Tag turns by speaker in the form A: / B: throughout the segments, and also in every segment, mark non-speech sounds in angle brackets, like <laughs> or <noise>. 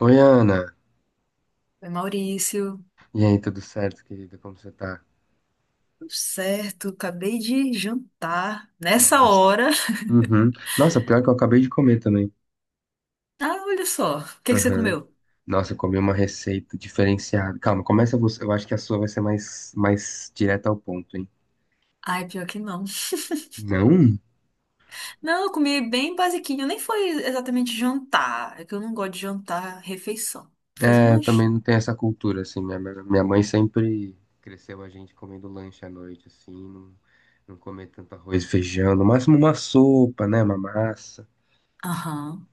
A: Oi, Ana.
B: Oi, Maurício,
A: E aí, tudo certo, querida? Como você tá?
B: tudo certo? Acabei de jantar nessa
A: Nossa.
B: hora. <laughs>
A: Uhum. Nossa, pior que eu acabei de comer também.
B: Ah, olha só, o que que você
A: Uhum.
B: comeu?
A: Nossa, eu comi uma receita diferenciada. Calma, começa você. Eu acho que a sua vai ser mais direta ao ponto, hein?
B: Ai, pior que não.
A: Não?
B: Não, eu comi bem basiquinho, nem foi exatamente jantar, é que eu não gosto de jantar refeição. Fiz um
A: É, eu também
B: lanchinho.
A: não tenho essa cultura, assim. Minha mãe sempre cresceu a gente comendo lanche à noite, assim. Não, não comer tanto arroz e feijão. No máximo uma sopa, né? Uma massa.
B: Aham.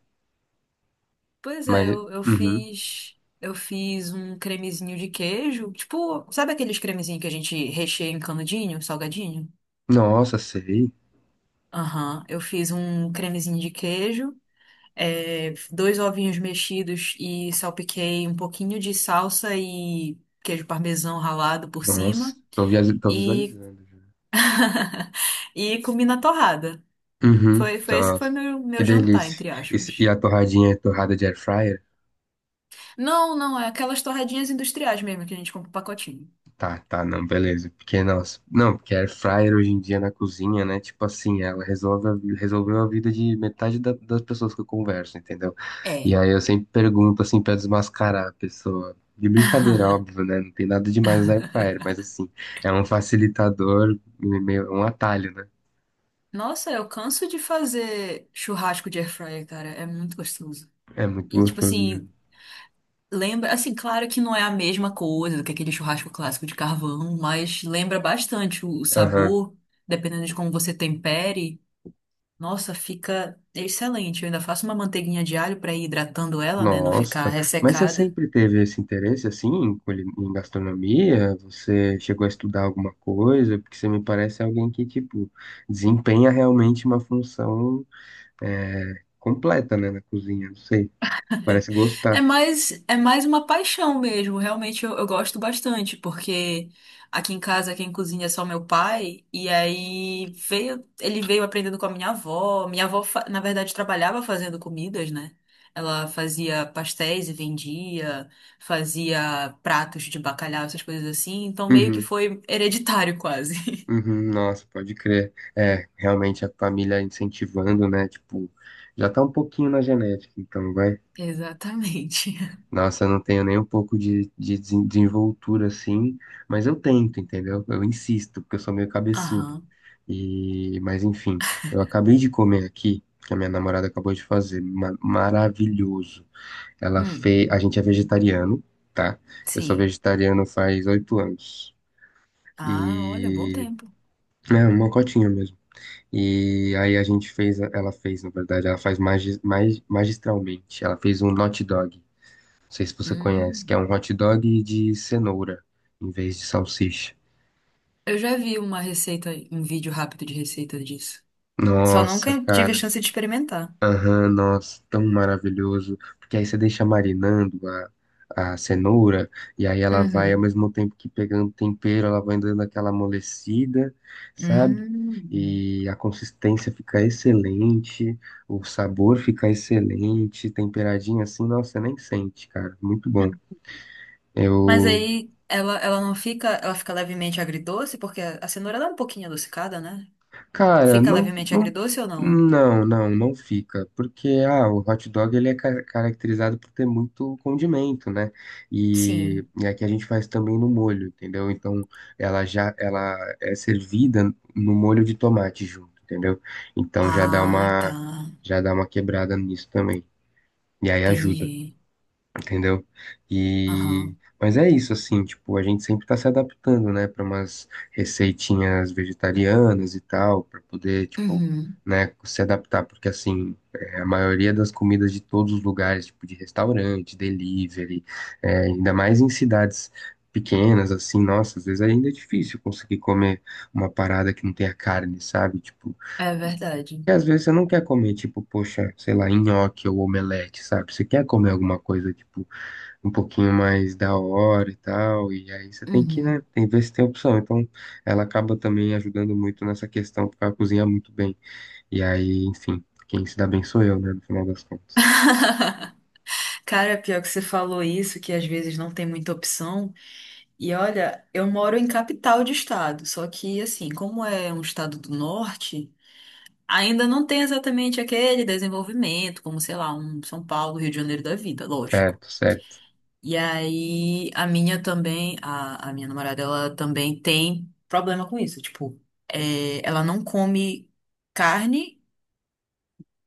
B: Pois é,
A: Mas,
B: eu, eu
A: uhum.
B: fiz, eu fiz um cremezinho de queijo, tipo, sabe aqueles cremezinhos que a gente recheia em canudinho, salgadinho?
A: Nossa, sei.
B: Aham, eu fiz um cremezinho de queijo. É, dois ovinhos mexidos e salpiquei um pouquinho de salsa e queijo parmesão ralado por
A: Nossa,
B: cima
A: tô, tô
B: e
A: visualizando.
B: <laughs> e comi na torrada.
A: Uhum.
B: Foi esse que foi
A: Nossa,
B: meu,
A: que
B: meu jantar,
A: delícia.
B: entre
A: Isso- e
B: aspas.
A: a torradinha é torrada de air fryer?
B: Não, não, é aquelas torradinhas industriais mesmo que a gente compra o pacotinho.
A: Tá, tá, não, beleza. Porque, nossa, não, porque air fryer hoje em dia na cozinha, né? Tipo assim, ela resolve, a resolveu a vida de metade das pessoas que eu converso, entendeu? E
B: É.
A: aí eu sempre pergunto, assim, pra desmascarar a pessoa. De brincadeira,
B: <laughs>
A: óbvio, né? Não tem nada demais no air fryer, mas assim, é um facilitador, meio, um atalho, né?
B: Nossa, eu canso de fazer churrasco de air fryer, cara, é muito gostoso.
A: É muito
B: E tipo
A: gostoso mesmo.
B: assim, lembra, assim, claro que não é a mesma coisa do que aquele churrasco clássico de carvão, mas lembra bastante o sabor, dependendo de como você tempere. Nossa, fica excelente. Eu ainda faço uma manteiguinha de alho para ir hidratando ela, né, não ficar
A: Nossa, mas você
B: ressecada.
A: sempre teve esse interesse assim em, em gastronomia? Você chegou a estudar alguma coisa? Porque você me parece alguém que, tipo, desempenha realmente uma função é, completa, né, na cozinha. Não sei, parece gostar.
B: É mais uma paixão mesmo. Realmente eu gosto bastante, porque aqui em casa quem cozinha é só meu pai, e aí veio, ele veio aprendendo com a minha avó. Minha avó, na verdade, trabalhava fazendo comidas, né? Ela fazia pastéis e vendia, fazia pratos de bacalhau, essas coisas assim. Então meio que
A: Uhum,
B: foi hereditário quase. <laughs>
A: uhum, nossa, pode crer. É, realmente a família incentivando, né? Tipo, já tá um pouquinho na genética, então vai.
B: Exatamente.
A: Nossa, eu não tenho nem um pouco de desenvoltura assim, mas eu tento, entendeu? Eu insisto, porque eu sou meio cabeçudo.
B: Aham.
A: E, mas enfim, eu acabei de comer aqui, que a minha namorada acabou de fazer, maravilhoso. Ela
B: Hum,
A: fez, a gente é vegetariano, tá? Eu sou
B: sim.
A: vegetariano faz 8 anos.
B: Ah, olha, bom
A: E
B: tempo.
A: é uma cotinha mesmo. E aí a gente fez, ela fez, na verdade, ela faz mais magistralmente. Ela fez um hot dog. Não sei se você conhece, que é
B: Hum.
A: um hot dog de cenoura em vez de salsicha.
B: Eu já vi uma receita, um vídeo rápido de receita disso. Só
A: Nossa,
B: nunca tive a
A: cara.
B: chance de experimentar.
A: Aham, nossa, tão maravilhoso. Porque aí você deixa marinando a cenoura e aí ela vai ao
B: Uhum.
A: mesmo tempo que pegando tempero, ela vai dando aquela amolecida, sabe?
B: Hum.
A: E a consistência fica excelente, o sabor fica excelente, temperadinho assim, nossa, você nem sente, cara. Muito bom.
B: Mas
A: Eu
B: aí ela não fica, ela fica levemente agridoce, porque a cenoura ela é um pouquinho adocicada, né?
A: cara,
B: Fica
A: não,
B: levemente
A: não,
B: agridoce ou não?
A: não, não, não fica, porque ah, o hot dog ele é caracterizado por ter muito condimento, né? E,
B: Sim.
A: e aqui a gente faz também no molho, entendeu? Então ela é servida no molho de tomate junto, entendeu? Então já dá
B: Ah,
A: uma
B: tá.
A: já dá uma quebrada nisso também. E aí ajuda,
B: Entendi.
A: entendeu? E
B: Aham.
A: mas é isso assim, tipo, a gente sempre tá se adaptando, né, para umas receitinhas vegetarianas e tal, para poder, tipo,
B: Uhum.
A: né, se adaptar, porque assim, é, a maioria das comidas de todos os lugares, tipo de restaurante, delivery, é, ainda mais em cidades pequenas assim, nossa, às vezes ainda é difícil conseguir comer uma parada que não tenha carne, sabe? Tipo,
B: É verdade.
A: e às vezes você não quer comer, tipo, poxa, sei lá, nhoque ou omelete, sabe? Você quer comer alguma coisa, tipo, um pouquinho mais da hora e tal, e aí você tem que, né,
B: Uhum.
A: tem, ver se tem opção. Então, ela acaba também ajudando muito nessa questão, porque ela cozinha muito bem. E aí, enfim, quem se dá bem sou eu, né, no final das contas.
B: Cara, pior que você falou isso, que às vezes não tem muita opção. E olha, eu moro em capital de estado, só que assim, como é um estado do norte, ainda não tem exatamente aquele desenvolvimento, como sei lá, um São Paulo, Rio de Janeiro da vida, lógico.
A: Certo, certo.
B: E aí a minha também, a minha namorada, ela também tem problema com isso, tipo, é, ela não come carne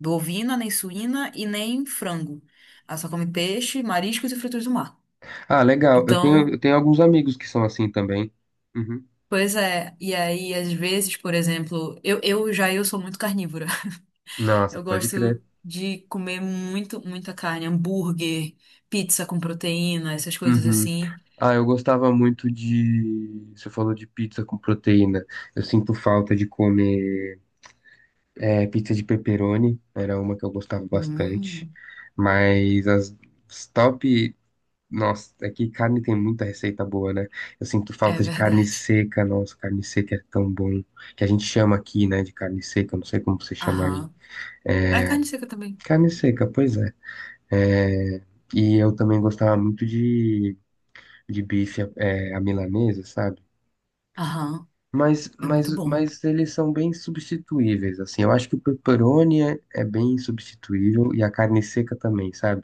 B: bovina, nem suína e nem frango. Ela só come peixe, mariscos e frutos do mar.
A: Ah, legal. Eu tenho, eu
B: Então,
A: tenho alguns amigos que são assim também. Uhum.
B: pois é, e aí às vezes, por exemplo, eu sou muito carnívora. <laughs>
A: Nossa,
B: Eu
A: pode crer.
B: gosto de comer muito, muita carne, hambúrguer, pizza com proteína, essas coisas
A: Uhum.
B: assim.
A: Ah, eu gostava muito de. Você falou de pizza com proteína. Eu sinto falta de comer. É, pizza de pepperoni era uma que eu gostava bastante,
B: Hum,
A: mas as top, nossa, é que carne tem muita receita boa, né? Eu sinto
B: é
A: falta de carne
B: verdade.
A: seca, nossa, carne seca é tão bom, que a gente chama aqui, né, de carne seca, eu não sei como você chama aí.
B: Aham. A carne seca também.
A: Carne seca, pois é. É, e eu também gostava muito de bife, é, a milanesa, sabe?
B: Aham,
A: Mas,
B: é
A: mas,
B: muito bom.
A: mas eles são bem substituíveis, assim. Eu acho que o pepperoni é bem substituível e a carne seca também, sabe?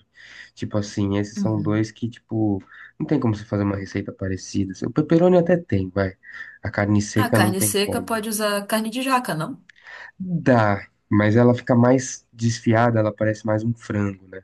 A: Tipo assim, esses são
B: Uhum.
A: dois que, tipo, não tem como você fazer uma receita parecida. Assim. O pepperoni até tem, vai. A carne
B: A
A: seca não
B: carne
A: tem
B: seca
A: como.
B: pode usar carne de jaca, não?
A: Dá, mas ela fica mais desfiada, ela parece mais um frango, né?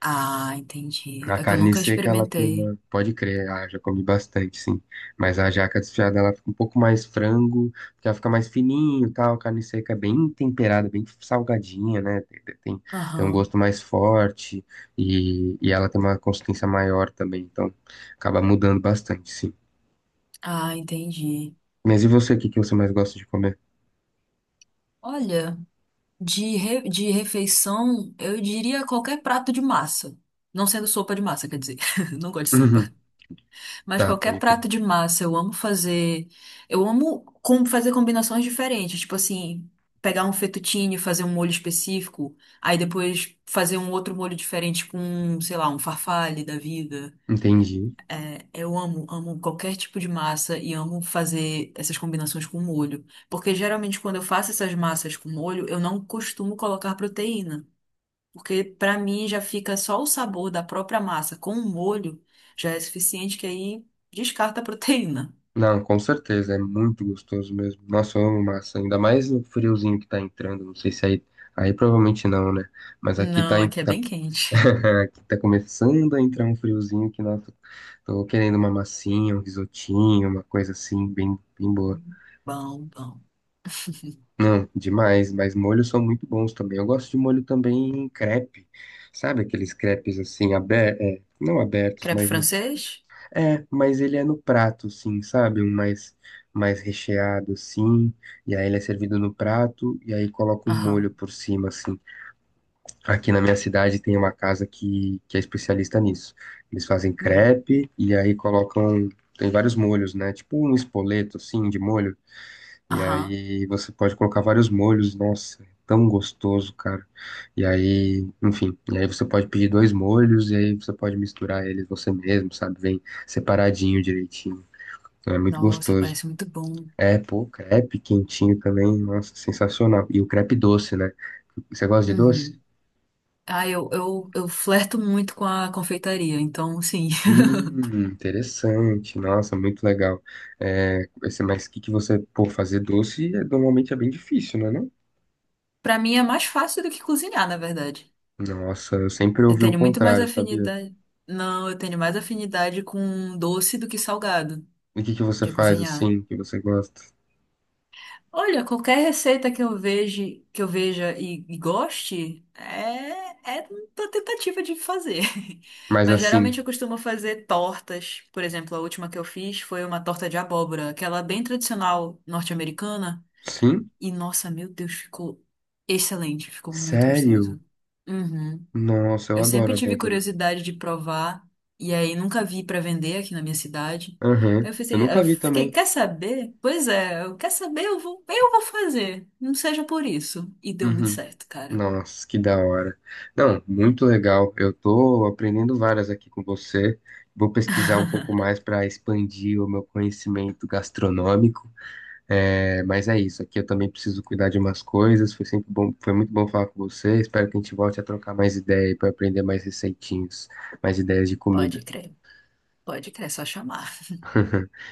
B: Ah, entendi.
A: A
B: É que eu
A: carne
B: nunca
A: seca, ela tem
B: experimentei.
A: uma. Pode crer, ah, já comi bastante, sim. Mas a jaca desfiada, ela fica um pouco mais frango, porque ela fica mais fininho e tal. A carne seca é bem temperada, bem salgadinha, né? Tem um
B: Aham.
A: gosto mais forte e, ela tem uma consistência maior também. Então, acaba mudando bastante, sim.
B: Ah, entendi.
A: Mas e você, o que que você mais gosta de comer?
B: Olha. De, de refeição, eu diria qualquer prato de massa. Não sendo sopa de massa, quer dizer, <laughs> não gosto de sopa.
A: Uhum.
B: Mas
A: Tá,
B: qualquer
A: pode crer.
B: prato de massa, eu amo fazer. Eu amo fazer combinações diferentes. Tipo assim, pegar um fettuccine, e fazer um molho específico, aí depois fazer um outro molho diferente com, sei lá, um farfalle da vida.
A: Entendi.
B: É, eu amo, amo qualquer tipo de massa e amo fazer essas combinações com molho. Porque geralmente quando eu faço essas massas com molho, eu não costumo colocar proteína. Porque pra mim já fica só o sabor da própria massa com o molho já é suficiente que aí descarta a proteína.
A: Não, com certeza, é muito gostoso mesmo. Nossa, eu amo massa, ainda mais no friozinho que tá entrando, não sei se aí, aí provavelmente não, né? Mas aqui tá,
B: Não, aqui é
A: tá,
B: bem quente.
A: <laughs> aqui tá começando a entrar um friozinho que, nossa, tô querendo uma massinha, um risotinho, uma coisa assim, bem, bem boa.
B: Bom, bom.
A: Não, demais, mas molhos são muito bons também. Eu gosto de molho também em crepe, sabe? Aqueles crepes assim, abertos, não abertos,
B: Crepe
A: mas no.
B: francês?
A: É, mas ele é no prato, sim, sabe? Um mais, mais recheado, sim. E aí ele é servido no prato e aí coloca um molho
B: Aham.
A: por cima, assim. Aqui na minha cidade tem uma casa que é especialista nisso. Eles fazem
B: Hum.
A: crepe e aí colocam. Tem vários molhos, né? Tipo um espoleto, assim, de molho. E
B: Aham.
A: aí você pode colocar vários molhos, nossa, é tão gostoso, cara. E aí, enfim, e aí você pode pedir dois molhos e aí você pode misturar eles você mesmo, sabe? Vem separadinho direitinho. Então é muito
B: Nossa,
A: gostoso.
B: parece muito bom.
A: É, pô, crepe quentinho também, nossa, sensacional. E o crepe doce, né? Você gosta de doce?
B: Uhum. Ah, eu flerto muito com a confeitaria, então, sim. <laughs>
A: Interessante, nossa, muito legal. É, esse- mas o que que você, pô, fazer doce é- normalmente é bem difícil, né, não?
B: Pra mim é mais fácil do que cozinhar, na verdade.
A: Nossa, eu sempre
B: Eu
A: ouvi o
B: tenho muito mais
A: contrário, sabia?
B: afinidade. Não, eu tenho mais afinidade com doce do que salgado
A: E o que que você
B: de
A: faz
B: cozinhar.
A: assim, que você gosta?
B: Olha, qualquer receita que eu veja, e goste, é, é uma tentativa de fazer. <laughs>
A: Mas
B: Mas
A: assim,
B: geralmente eu costumo fazer tortas. Por exemplo, a última que eu fiz foi uma torta de abóbora, aquela bem tradicional norte-americana.
A: sim?
B: E nossa, meu Deus, ficou excelente, ficou muito
A: Sério?
B: gostoso. Uhum.
A: Nossa, eu
B: Eu
A: adoro
B: sempre tive
A: abóbora.
B: curiosidade de provar, e aí nunca vi pra vender aqui na minha cidade.
A: Aham.
B: Aí eu
A: Eu
B: pensei, eu
A: nunca vi
B: fiquei,
A: também.
B: quer saber? Pois é, eu quer saber, eu vou fazer. Não seja por isso. E deu muito
A: Uhum.
B: certo, cara.
A: Nossa, que da hora. Não, muito legal. Eu tô aprendendo várias aqui com você. Vou pesquisar um pouco mais para expandir o meu conhecimento gastronômico. É, mas é isso. Aqui eu também preciso cuidar de umas coisas. Foi sempre bom, foi muito bom falar com você. Espero que a gente volte a trocar mais ideia para aprender mais receitinhos, mais ideias de
B: Pode
A: comida.
B: crer, pode crer, é só chamar.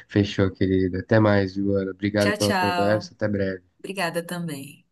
A: Fechou, querido. Até mais, Joana. Obrigado
B: Tchau,
A: pela conversa.
B: tchau.
A: Até breve.
B: Obrigada também.